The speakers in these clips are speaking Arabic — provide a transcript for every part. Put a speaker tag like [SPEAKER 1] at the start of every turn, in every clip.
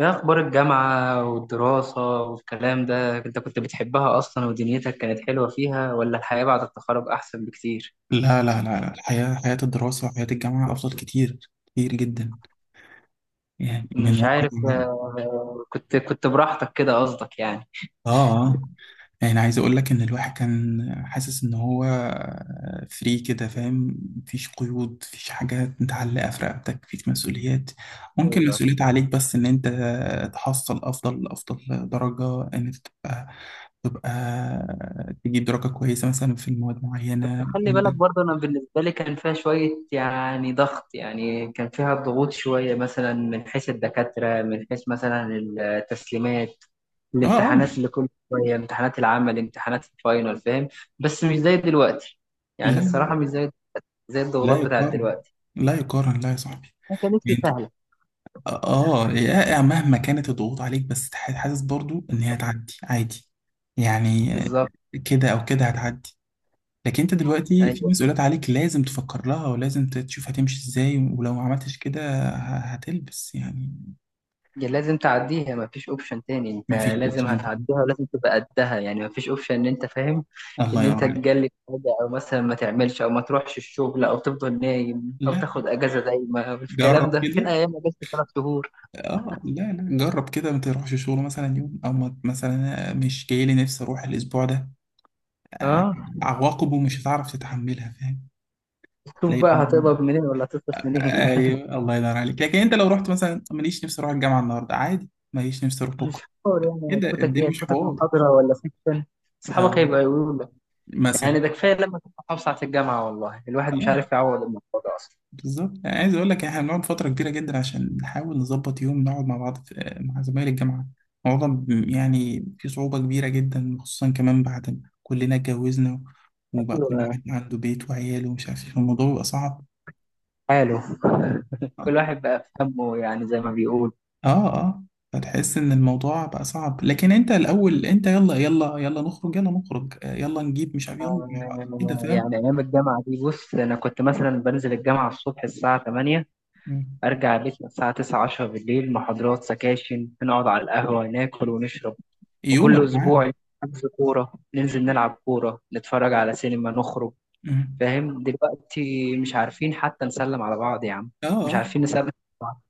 [SPEAKER 1] ايه اخبار الجامعة والدراسة والكلام ده انت كنت بتحبها اصلا ودنيتك كانت حلوة فيها ولا الحياة بعد التخرج احسن بكتير؟
[SPEAKER 2] لا، لا، لا، الحياة حياة الدراسة وحياة الجامعة أفضل كتير، كتير جدا. يعني من
[SPEAKER 1] مش عارف.
[SPEAKER 2] واقع،
[SPEAKER 1] كنت براحتك كده قصدك يعني؟
[SPEAKER 2] آه آه يعني عايز أقول لك إن الواحد كان حاسس إن هو فري كده. فاهم؟ مفيش قيود، مفيش حاجة متعلقة في رقبتك، مفيش مسؤوليات. ممكن
[SPEAKER 1] ايوه.
[SPEAKER 2] مسؤوليات عليك بس إن أنت تحصل أفضل درجة، إن أنت تبقى تجيب درجة كويسة مثلا في المواد معينة
[SPEAKER 1] خلي بالك
[SPEAKER 2] عندك.
[SPEAKER 1] برضه انا بالنسبة لي كان فيها شوية يعني ضغط، يعني كان فيها ضغوط شوية مثلا، من حيث الدكاترة، من حيث مثلا التسليمات،
[SPEAKER 2] آه، آه.
[SPEAKER 1] الامتحانات اللي كل شوية، امتحانات العمل، امتحانات الفاينل، فاهم؟ بس مش زي دلوقتي. يعني الصراحة
[SPEAKER 2] لا
[SPEAKER 1] مش زي
[SPEAKER 2] لا
[SPEAKER 1] الضغوطات بتاعت
[SPEAKER 2] يقارن
[SPEAKER 1] دلوقتي.
[SPEAKER 2] لا، لا يقارن، لا يا صاحبي.
[SPEAKER 1] ما كانتش
[SPEAKER 2] يعني انت،
[SPEAKER 1] سهله.
[SPEAKER 2] مهما كانت الضغوط عليك بس حاسس برضو ان هي هتعدي عادي. يعني
[SPEAKER 1] بالظبط.
[SPEAKER 2] كده او كده هتعدي. لكن انت دلوقتي في
[SPEAKER 1] ايوه،
[SPEAKER 2] مسؤوليات عليك، لازم تفكر لها ولازم تشوف هتمشي ازاي، ولو ما عملتش كده هتلبس يعني.
[SPEAKER 1] يا لازم تعديها، مفيش اوبشن تاني، انت
[SPEAKER 2] مفيش
[SPEAKER 1] لازم
[SPEAKER 2] اوبشن تاني.
[SPEAKER 1] هتعديها ولازم تبقى قدها، يعني مفيش اوبشن ان انت فاهم
[SPEAKER 2] الله
[SPEAKER 1] ان انت
[SPEAKER 2] ينور عليك.
[SPEAKER 1] تجلد حاجه او مثلا ما تعملش او ما تروحش الشغل او تفضل نايم او
[SPEAKER 2] لا،
[SPEAKER 1] تاخد اجازه دايما، الكلام
[SPEAKER 2] جرب
[SPEAKER 1] ده فين؟
[SPEAKER 2] كده.
[SPEAKER 1] ايام اجازه 3 شهور.
[SPEAKER 2] لا، جرب كده. ما تروحش شغل مثلا يوم، او مثلا مش جاي لي نفسي اروح الاسبوع ده. آه،
[SPEAKER 1] اه.
[SPEAKER 2] عواقبه مش هتعرف تتحملها.
[SPEAKER 1] شوف بقى
[SPEAKER 2] فاهم؟
[SPEAKER 1] هتقبض منين ولا هتصرف منين؟
[SPEAKER 2] ايوه الله ينور عليك. لكن انت لو رحت مثلا، ماليش نفسي اروح الجامعه النهارده عادي، ماليش نفسي اروح بكره
[SPEAKER 1] مش حوار يعني،
[SPEAKER 2] كده.
[SPEAKER 1] هتفوتك ايه؟
[SPEAKER 2] الدنيا مش
[SPEAKER 1] هتفوتك
[SPEAKER 2] حوار.
[SPEAKER 1] محاضره ولا سيكشن. اصحابك
[SPEAKER 2] اه،
[SPEAKER 1] هيبقى يقولوا.
[SPEAKER 2] مثلا.
[SPEAKER 1] يعني ده كفايه لما كنت محافظ على الجامعه، والله الواحد مش
[SPEAKER 2] اه،
[SPEAKER 1] عارف يعوض الموضوع ده اصلا.
[SPEAKER 2] بالظبط. يعني عايز اقول لك، احنا بنقعد فتره كبيره جدا عشان نحاول نظبط يوم نقعد مع بعض، في مع زمايل الجامعه الموضوع يعني في صعوبه كبيره جدا، خصوصا كمان بعد ما كلنا اتجوزنا وبقى كل
[SPEAKER 1] أيوة.
[SPEAKER 2] واحد عنده بيت وعياله ومش عارف ايه. الموضوع بيبقى صعب.
[SPEAKER 1] حاله. كل واحد بقى في همه، يعني زي ما بيقول.
[SPEAKER 2] اه، اه. فتحس ان الموضوع بقى صعب. لكن انت الاول انت، يلا يلا يلا نخرج، يلا نخرج، يلا نجيب مش عارف، يلا مش عارف كده.
[SPEAKER 1] آه،
[SPEAKER 2] فاهم؟
[SPEAKER 1] يعني ايام الجامعه دي، بص انا كنت مثلا بنزل الجامعه الصبح الساعه 8،
[SPEAKER 2] مم.
[SPEAKER 1] ارجع البيت الساعه 9 10 بالليل، محاضرات، سكاشن، نقعد على القهوه، ناكل ونشرب. وكل
[SPEAKER 2] يومك معاه.
[SPEAKER 1] اسبوع حجز كوره، ننزل نلعب كوره، نتفرج على سينما، نخرج.
[SPEAKER 2] مم.
[SPEAKER 1] فاهم؟ دلوقتي مش عارفين حتى نسلم على بعض يا عم.
[SPEAKER 2] اه،
[SPEAKER 1] مش
[SPEAKER 2] اه.
[SPEAKER 1] عارفين نسلم على بعض.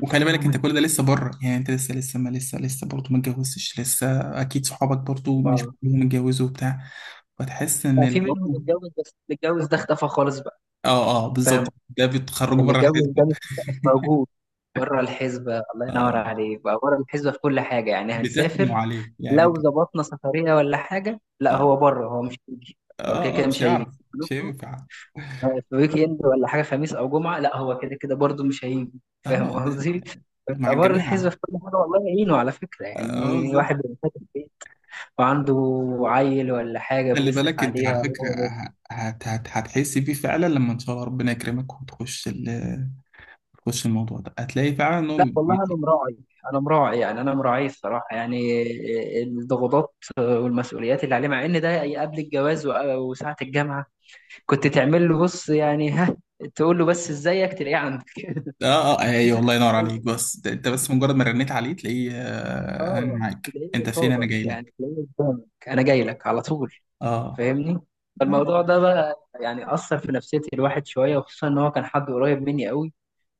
[SPEAKER 2] وخلي بالك انت كل ده لسه بره. يعني انت لسه ما لسه لسه برضه ما اتجوزتش لسه. اكيد صحابك برضه مش
[SPEAKER 1] اه.
[SPEAKER 2] كلهم اتجوزوا وبتاع. فتحس
[SPEAKER 1] لا، في
[SPEAKER 2] ان
[SPEAKER 1] منهم
[SPEAKER 2] برضه،
[SPEAKER 1] اتجوز، بس اللي اتجوز ده اختفى خالص بقى.
[SPEAKER 2] اه، اه،
[SPEAKER 1] فاهم؟
[SPEAKER 2] بالظبط. ده
[SPEAKER 1] يعني
[SPEAKER 2] بتخرجوا
[SPEAKER 1] اللي
[SPEAKER 2] بره الحزب.
[SPEAKER 1] اتجوز ده مش موجود. بره الحسبة، الله ينور
[SPEAKER 2] آه.
[SPEAKER 1] عليك بقى، بره الحسبة في كل حاجة. يعني
[SPEAKER 2] بتثنوا
[SPEAKER 1] هنسافر
[SPEAKER 2] عليه يعني انت.
[SPEAKER 1] لو ظبطنا سفرية ولا حاجة، لا
[SPEAKER 2] اه،
[SPEAKER 1] هو بره، هو مش هيجي. هو كده
[SPEAKER 2] اه،
[SPEAKER 1] كده
[SPEAKER 2] مش
[SPEAKER 1] مش هيجي.
[SPEAKER 2] هيعرف. مش
[SPEAKER 1] نخرج.
[SPEAKER 2] هينفع.
[SPEAKER 1] آه، في ويك اند ولا حاجة، خميس أو جمعة، لا هو كده كده برضه مش هيجي. فاهم
[SPEAKER 2] اه، ده
[SPEAKER 1] قصدي؟
[SPEAKER 2] مع
[SPEAKER 1] بيبقى بره الحسبة
[SPEAKER 2] الجماعة.
[SPEAKER 1] في كل حاجة. والله يعينه، على فكرة
[SPEAKER 2] اه،
[SPEAKER 1] يعني
[SPEAKER 2] بالظبط.
[SPEAKER 1] واحد بيبقى فاتح بيت وعنده عيل ولا حاجة
[SPEAKER 2] خلي
[SPEAKER 1] بيصرف
[SPEAKER 2] بالك انت
[SPEAKER 1] عليها
[SPEAKER 2] على فكرة،
[SPEAKER 1] هو.
[SPEAKER 2] ه- هت هت هتحسي بيه فعلا لما ان شاء الله ربنا يكرمك وتخش تخش الموضوع ده، هتلاقي فعلا ان هو
[SPEAKER 1] لا والله انا
[SPEAKER 2] بي-
[SPEAKER 1] مراعي. انا مراعي يعني، انا مراعي الصراحه يعني الضغوطات والمسؤوليات اللي عليه، مع ان ده قبل الجواز وساعه الجامعه كنت تعمل له، بص يعني، ها، تقول له بس ازيك، تلاقيه عندك.
[SPEAKER 2] اه، اه، ايوه الله ينور عليك. بس ده انت بس مجرد ما رنيت عليه، تلاقيه آه انا
[SPEAKER 1] اه،
[SPEAKER 2] معاك،
[SPEAKER 1] تلاقيه
[SPEAKER 2] انت فين؟ انا
[SPEAKER 1] قصادك،
[SPEAKER 2] جاي لك.
[SPEAKER 1] يعني تلاقيه قدامك، انا جاي لك على طول.
[SPEAKER 2] اه،
[SPEAKER 1] فاهمني؟
[SPEAKER 2] لا.
[SPEAKER 1] فالموضوع ده بقى يعني اثر في نفسيه الواحد شويه، وخصوصا ان هو كان حد قريب مني قوي.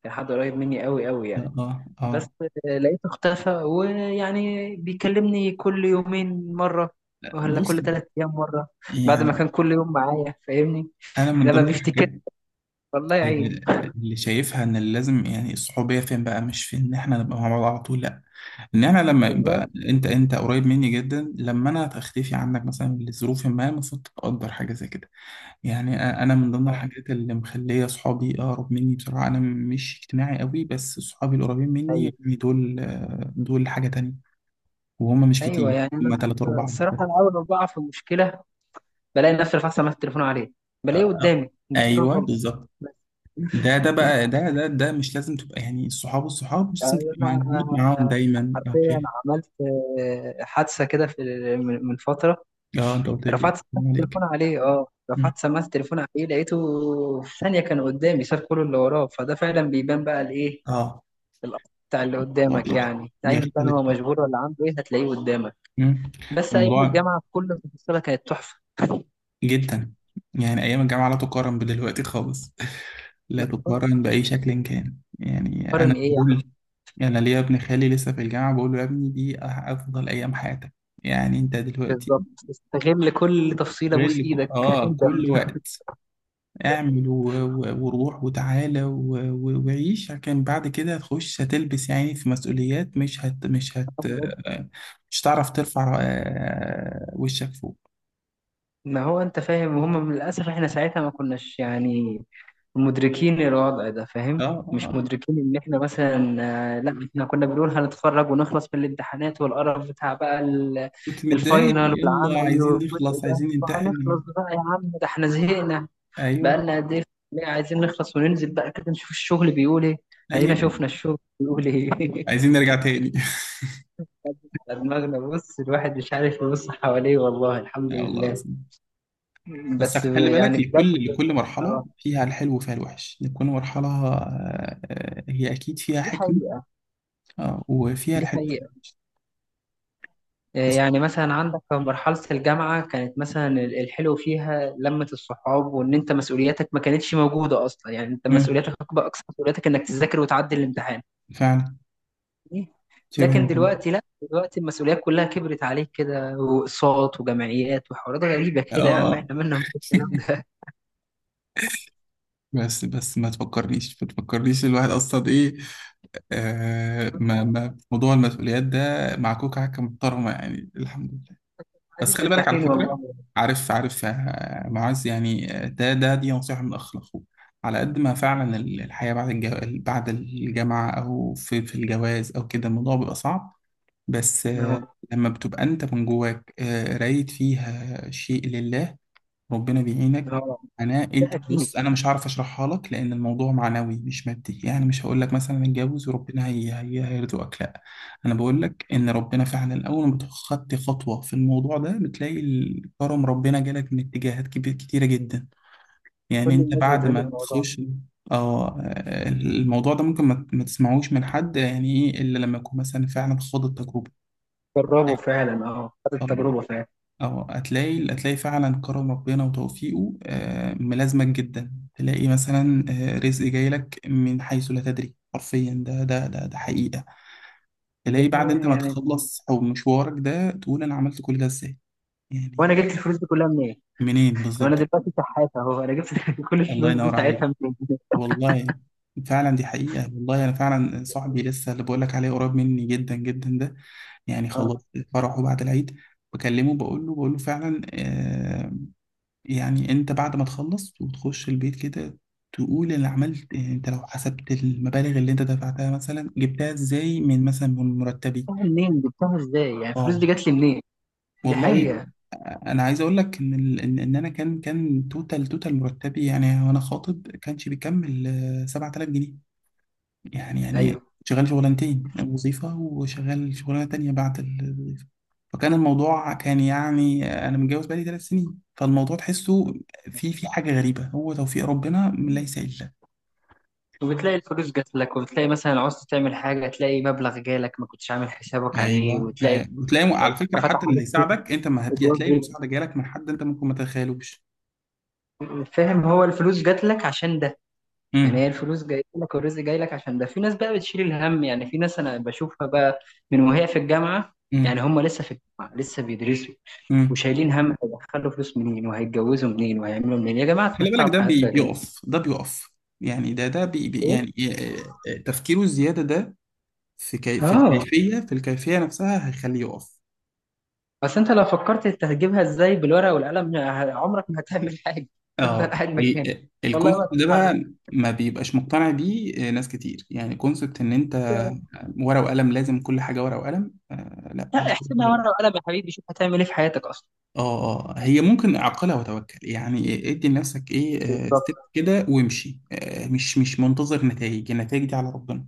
[SPEAKER 1] كان حد قريب مني قوي قوي
[SPEAKER 2] اه،
[SPEAKER 1] يعني.
[SPEAKER 2] اه،
[SPEAKER 1] بس
[SPEAKER 2] آه.
[SPEAKER 1] لقيته اختفى، ويعني بيكلمني كل يومين مرة، ولا
[SPEAKER 2] بص،
[SPEAKER 1] كل 3 أيام مرة، بعد ما
[SPEAKER 2] يعني
[SPEAKER 1] كان كل يوم معايا. فاهمني؟
[SPEAKER 2] انا من
[SPEAKER 1] لما
[SPEAKER 2] ضمن
[SPEAKER 1] بيفتكر،
[SPEAKER 2] الحاجات
[SPEAKER 1] والله يعين.
[SPEAKER 2] اللي اللي شايفها ان اللي لازم، يعني الصحوبيه فين بقى؟ مش فين ان احنا نبقى مع بعض على طول، لا. ان انا لما
[SPEAKER 1] بالظبط.
[SPEAKER 2] يبقى انت قريب مني جدا، لما انا هختفي عنك مثلا لظروف ما، المفروض تقدر حاجه زي كده. يعني انا من ضمن
[SPEAKER 1] آه،
[SPEAKER 2] الحاجات اللي مخليه صحابي اقرب مني بصراحه. انا مش اجتماعي قوي، بس صحابي القريبين مني،
[SPEAKER 1] أيوه
[SPEAKER 2] يعني دول دول حاجه تانية. وهم مش
[SPEAKER 1] أيوه.
[SPEAKER 2] كتير،
[SPEAKER 1] يعني أنا،
[SPEAKER 2] هم تلاتة أربعة بس.
[SPEAKER 1] الصراحة أنا أول ما بقع في مشكلة بلاقي نفسي رفعت سماعة التليفون عليه،
[SPEAKER 2] آه،
[SPEAKER 1] بلاقيه
[SPEAKER 2] آه.
[SPEAKER 1] قدامي قدامي على
[SPEAKER 2] أيوه
[SPEAKER 1] طول.
[SPEAKER 2] بالظبط. ده بقى، ده مش لازم تبقى، يعني الصحاب مش لازم تبقى
[SPEAKER 1] أنا
[SPEAKER 2] موجود معاهم دايما. اه
[SPEAKER 1] حرفيا عملت حادثة كده في، من فترة،
[SPEAKER 2] آه، انت قلت لي.
[SPEAKER 1] رفعت سماعة
[SPEAKER 2] عليك.
[SPEAKER 1] التليفون عليه
[SPEAKER 2] مم.
[SPEAKER 1] رفعت سماعة التليفون عليه، لقيته في ثانية كان قدامي، ساب كل اللي وراه. فده فعلا بيبان بقى الايه،
[SPEAKER 2] اه.
[SPEAKER 1] الأثر بتاع اللي
[SPEAKER 2] الموضوع
[SPEAKER 1] قدامك. يعني أيا كان
[SPEAKER 2] بيختلف.
[SPEAKER 1] هو مشغول ولا عنده ايه، هتلاقيه قدامك.
[SPEAKER 2] مم.
[SPEAKER 1] بس أيام
[SPEAKER 2] الموضوع
[SPEAKER 1] الجامعة كل تفصيلة كانت تحفة.
[SPEAKER 2] جدا، يعني ايام الجامعه لا تقارن بدلوقتي خالص. لا
[SPEAKER 1] لا خالص،
[SPEAKER 2] تقارن
[SPEAKER 1] مفيش
[SPEAKER 2] باي شكل كان. يعني
[SPEAKER 1] مقارن
[SPEAKER 2] انا
[SPEAKER 1] ايه يا عم.
[SPEAKER 2] بقول، انا ليا ابن خالي لسه في الجامعه، بقول له يا ابني دي افضل ايام حياتك. يعني انت دلوقتي
[SPEAKER 1] بالظبط، استغل كل تفصيلة، بوس
[SPEAKER 2] غير.
[SPEAKER 1] ايدك
[SPEAKER 2] اه،
[SPEAKER 1] هتندم.
[SPEAKER 2] كل وقت اعمل، وروح وتعالى، و... وعيش. لكن بعد كده هتخش، هتلبس يعني، في مسؤوليات مش هتعرف ترفع وشك فوق.
[SPEAKER 1] ما هو انت فاهم، هم للاسف احنا ساعتها ما كناش يعني مدركين الوضع ده،
[SPEAKER 2] اه،
[SPEAKER 1] فاهم؟
[SPEAKER 2] آه،
[SPEAKER 1] مش
[SPEAKER 2] آه.
[SPEAKER 1] مدركين ان احنا مثلا. آه، لا احنا كنا بنقول هنتخرج ونخلص من الامتحانات والقرف بتاع بقى، ال-
[SPEAKER 2] كنت متضايق،
[SPEAKER 1] الفاينل
[SPEAKER 2] يلا
[SPEAKER 1] والعمل
[SPEAKER 2] عايزين
[SPEAKER 1] والجزء
[SPEAKER 2] نخلص،
[SPEAKER 1] ده
[SPEAKER 2] عايزين ننتحل.
[SPEAKER 1] وهنخلص بقى، يا عم ده احنا زهقنا،
[SPEAKER 2] ايوه،
[SPEAKER 1] بقالنا قد ايه في الكلية، عايزين نخلص وننزل بقى كده نشوف الشغل بيقول ايه. ادينا
[SPEAKER 2] ايوه، ايوه،
[SPEAKER 1] شفنا الشغل بيقول ايه.
[SPEAKER 2] عايزين نرجع تاني.
[SPEAKER 1] على دماغنا. بص الواحد مش عارف يبص حواليه، والله الحمد
[SPEAKER 2] يا الله
[SPEAKER 1] لله.
[SPEAKER 2] العظيم. بس
[SPEAKER 1] بس
[SPEAKER 2] خلي بالك،
[SPEAKER 1] يعني بجد.
[SPEAKER 2] لكل مرحله
[SPEAKER 1] اه.
[SPEAKER 2] فيها الحلو وفيها الوحش. لكل مرحله آه، آه، هي اكيد فيها
[SPEAKER 1] دي
[SPEAKER 2] حكمه.
[SPEAKER 1] حقيقة.
[SPEAKER 2] آه، وفيها
[SPEAKER 1] دي
[SPEAKER 2] الحلو وفيها
[SPEAKER 1] حقيقة. آه،
[SPEAKER 2] بس.
[SPEAKER 1] يعني مثلا عندك في مرحلة الجامعة، كانت مثلا الحلو فيها لمة الصحاب، وإن أنت مسؤولياتك ما كانتش موجودة أصلا، يعني أنت
[SPEAKER 2] مم،
[SPEAKER 1] مسؤولياتك أكبر، أقصى مسؤولياتك إنك تذاكر وتعدي الامتحان.
[SPEAKER 2] فعلا. شبه
[SPEAKER 1] لكن
[SPEAKER 2] ممكن.
[SPEAKER 1] دلوقتي لا، دلوقتي المسؤوليات كلها كبرت عليك كده، وأقساط وجمعيات وحوارات غريبة
[SPEAKER 2] اه،
[SPEAKER 1] كده، يا عم
[SPEAKER 2] اه.
[SPEAKER 1] إحنا مالنا من الكلام ده.
[SPEAKER 2] بس، بس ما تفكرنيش، ما تفكرنيش الواحد اصلا ايه. آه ما ما موضوع المسؤوليات ده مع كوكا حكه محترمه يعني، الحمد لله. بس
[SPEAKER 1] قاعدين
[SPEAKER 2] خلي بالك على
[SPEAKER 1] مرتاحين
[SPEAKER 2] فكرة،
[SPEAKER 1] والله.
[SPEAKER 2] عارف، عارف آه، معاذ يعني، آه، ده ده دي نصيحة من أخ لأخوه. على قد ما فعلا الحياة بعد بعد الجامعة أو في في الجواز أو كده، الموضوع بيبقى صعب. بس آه،
[SPEAKER 1] آه،
[SPEAKER 2] لما بتبقى أنت من جواك آه، رايد فيها شيء لله، ربنا بيعينك.
[SPEAKER 1] آه،
[SPEAKER 2] انا
[SPEAKER 1] ده
[SPEAKER 2] انت
[SPEAKER 1] أكيد.
[SPEAKER 2] بص، انا مش هعرف اشرحها لك، لان الموضوع معنوي مش مادي. يعني مش هقول لك مثلا اتجوز وربنا هي هي هيرزقك، لا. انا بقول لك ان ربنا فعلا اول ما خدت خطوه في الموضوع ده، بتلاقي الكرم، ربنا جالك من اتجاهات كبير كتيره جدا. يعني
[SPEAKER 1] كل
[SPEAKER 2] انت
[SPEAKER 1] الناس
[SPEAKER 2] بعد
[SPEAKER 1] بتقول
[SPEAKER 2] ما بالظبط
[SPEAKER 1] الموضوع.
[SPEAKER 2] تخش. اه الموضوع ده ممكن ما تسمعوش من حد، يعني ايه الا لما يكون مثلا فعلا خاض التجربه.
[SPEAKER 1] جربوا فعلا، خد
[SPEAKER 2] الله.
[SPEAKER 1] التجربة فعلا.
[SPEAKER 2] اه هتلاقي، هتلاقي فعلا كرم ربنا وتوفيقه آه، ملازمك جدا. تلاقي مثلا آه، رزق جاي لك من حيث لا تدري حرفيا. ده حقيقة.
[SPEAKER 1] دي
[SPEAKER 2] تلاقي بعد
[SPEAKER 1] حقيقة
[SPEAKER 2] انت ما
[SPEAKER 1] يعني.
[SPEAKER 2] تخلص او مشوارك ده، تقول انا عملت كل ده ازاي؟
[SPEAKER 1] وانا
[SPEAKER 2] يعني
[SPEAKER 1] جبت الفلوس دي كلها منين؟
[SPEAKER 2] منين
[SPEAKER 1] لو
[SPEAKER 2] بالظبط
[SPEAKER 1] انا
[SPEAKER 2] كده؟
[SPEAKER 1] دلوقتي شحات اهو، انا جبت كل
[SPEAKER 2] الله
[SPEAKER 1] الفلوس دي
[SPEAKER 2] ينور عليك،
[SPEAKER 1] ساعتها منين؟
[SPEAKER 2] والله. فعلا دي حقيقة. والله انا فعلا صاحبي لسه اللي بقول لك عليه قريب مني جدا جدا ده، يعني خلاص،
[SPEAKER 1] اه.
[SPEAKER 2] فرحه بعد العيد بكلمه، بقول له، بقول له فعلا آه، يعني انت بعد ما تخلص وتخش البيت كده، تقول انا عملت، يعني انت لو حسبت المبالغ اللي انت دفعتها، مثلا جبتها ازاي من مثلا من مرتبي؟
[SPEAKER 1] جبتها منين؟ جبتها ازاي؟ يعني الفلوس
[SPEAKER 2] اه
[SPEAKER 1] دي جت لي منين؟ دي
[SPEAKER 2] والله.
[SPEAKER 1] حقيقة.
[SPEAKER 2] انا عايز اقول لك ان ال- ان إن انا كان توتال مرتبي يعني، وانا خاطب، كانش بيكمل 7000 جنيه. يعني، يعني
[SPEAKER 1] ايوه،
[SPEAKER 2] شغال شغلانتين، وظيفة وشغال شغلانة تانية بعد الوظيفة. فكان الموضوع كان يعني، أنا متجوز بقالي 3 سنين، فالموضوع تحسه في في حاجة غريبة. هو توفيق ربنا من ليس إلا.
[SPEAKER 1] وبتلاقي الفلوس جات لك، وبتلاقي مثلا عوزت تعمل حاجة تلاقي مبلغ جالك ما كنتش عامل حسابك عليه،
[SPEAKER 2] ايوه،
[SPEAKER 1] وتلاقي
[SPEAKER 2] أيوة. وتلاقي على فكره
[SPEAKER 1] فتح
[SPEAKER 2] حتى اللي
[SPEAKER 1] عليك
[SPEAKER 2] هيساعدك انت، ما هت-
[SPEAKER 1] أبواب
[SPEAKER 2] هتلاقي
[SPEAKER 1] رزق.
[SPEAKER 2] المساعده جالك من حد انت ممكن ما تتخيلوش.
[SPEAKER 1] فاهم؟ هو الفلوس جات لك عشان ده. يعني هي
[SPEAKER 2] امم.
[SPEAKER 1] الفلوس جايه لك والرزق جاي لك عشان ده. في ناس بقى بتشيل الهم، يعني في ناس انا بشوفها بقى من وهي في الجامعه،
[SPEAKER 2] امم.
[SPEAKER 1] يعني هم لسه في الجامعه لسه بيدرسوا،
[SPEAKER 2] امم.
[SPEAKER 1] وشايلين هم هيدخلوا فلوس منين وهيتجوزوا منين وهيعملوا منين. يا جماعه
[SPEAKER 2] خلي
[SPEAKER 1] اتمتعوا
[SPEAKER 2] بالك ده
[SPEAKER 1] بحياتكم يا جماعه.
[SPEAKER 2] بيقف، ده بيقف. يعني ده
[SPEAKER 1] ايه.
[SPEAKER 2] يعني آه، آه، تفكيره الزياده ده، في
[SPEAKER 1] اه.
[SPEAKER 2] الكيفيه، في الكيفيه نفسها هيخليه يقف.
[SPEAKER 1] اصل انت لو فكرت انت هتجيبها ازاي بالورقه والقلم، عمرك ما هتعمل حاجه. تفضل
[SPEAKER 2] اه،
[SPEAKER 1] قاعد مكانك، والله ما
[SPEAKER 2] الكونسبت ده
[SPEAKER 1] تتحرك.
[SPEAKER 2] بقى ما بيبقاش مقتنع بيه آه، ناس كتير. يعني كونسبت ان انت ورقه وقلم، لازم كل حاجه ورقه وقلم. آه، لا
[SPEAKER 1] لا
[SPEAKER 2] مش كل حاجه
[SPEAKER 1] احسبها
[SPEAKER 2] ورقه.
[SPEAKER 1] ورقه وقلم يا حبيبي، شوف هتعمل ايه في حياتك اصلا.
[SPEAKER 2] اه، اه، هي ممكن عقلها وتوكل. يعني ادي لنفسك ايه، آه، ستيب
[SPEAKER 1] بالظبط.
[SPEAKER 2] كده وامشي. آه، مش منتظر نتائج. النتائج دي على ربنا.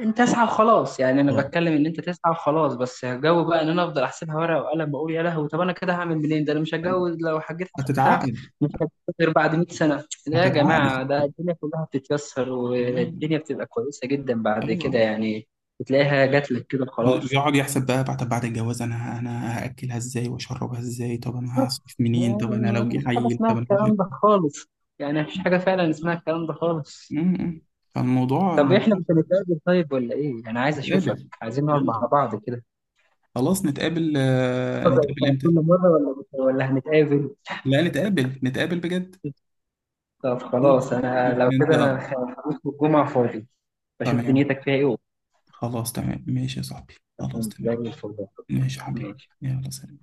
[SPEAKER 1] انت اسعى وخلاص. يعني انا
[SPEAKER 2] آه.
[SPEAKER 1] بتكلم ان انت تسعى وخلاص، بس الجو بقى ان انا افضل احسبها ورقه وقلم، بقول يا لهوي، طب انا كده هعمل منين، ده انا مش هتجوز لو حجيت حسبتها.
[SPEAKER 2] هتتعقد.
[SPEAKER 1] مش هتجوز غير بعد 100 سنه. لا يا
[SPEAKER 2] هتتعقد
[SPEAKER 1] جماعه، ده الدنيا كلها بتتيسر،
[SPEAKER 2] يعني.
[SPEAKER 1] والدنيا بتبقى كويسه جدا بعد كده
[SPEAKER 2] ايوه.
[SPEAKER 1] يعني. بتلاقيها جات لك كده، خلاص.
[SPEAKER 2] يقعد يحسب بقى، بعد بعد الجواز، انا هاكلها ازاي واشربها ازاي؟ طب انا هصرف منين؟ طب انا
[SPEAKER 1] ما
[SPEAKER 2] لو
[SPEAKER 1] فيش
[SPEAKER 2] جه
[SPEAKER 1] حاجه
[SPEAKER 2] عيل؟
[SPEAKER 1] اسمها
[SPEAKER 2] طب انا مش
[SPEAKER 1] الكلام ده خالص. يعني مفيش حاجه
[SPEAKER 2] عارف.
[SPEAKER 1] فعلا اسمها الكلام ده خالص.
[SPEAKER 2] مم. فالموضوع
[SPEAKER 1] طب
[SPEAKER 2] الموضوع
[SPEAKER 1] احنا مش هنتقابل طيب، ولا ايه؟ انا عايز اشوفك،
[SPEAKER 2] نتقابل.
[SPEAKER 1] عايزين نقعد
[SPEAKER 2] يلا.
[SPEAKER 1] مع بعض كده
[SPEAKER 2] خلاص نتقابل، آه، نتقابل
[SPEAKER 1] بتاع كل
[SPEAKER 2] امتى؟
[SPEAKER 1] مرة، ولا هنتقابل؟
[SPEAKER 2] لا، نتقابل، نتقابل بجد.
[SPEAKER 1] طب
[SPEAKER 2] شوف،
[SPEAKER 1] خلاص، أنا
[SPEAKER 2] شوف
[SPEAKER 1] لو
[SPEAKER 2] انت
[SPEAKER 1] كده
[SPEAKER 2] آه،
[SPEAKER 1] أنا، خميس والجمعة فاضي. بشوف
[SPEAKER 2] تمام.
[SPEAKER 1] دنيتك فيها إيه وأقول
[SPEAKER 2] خلاص تمام ماشي يا صاحبي. خلاص
[SPEAKER 1] لك زي
[SPEAKER 2] تمام.
[SPEAKER 1] الفل.
[SPEAKER 2] ماشي يا حبيبي.
[SPEAKER 1] ماشي.
[SPEAKER 2] يلا، سلام.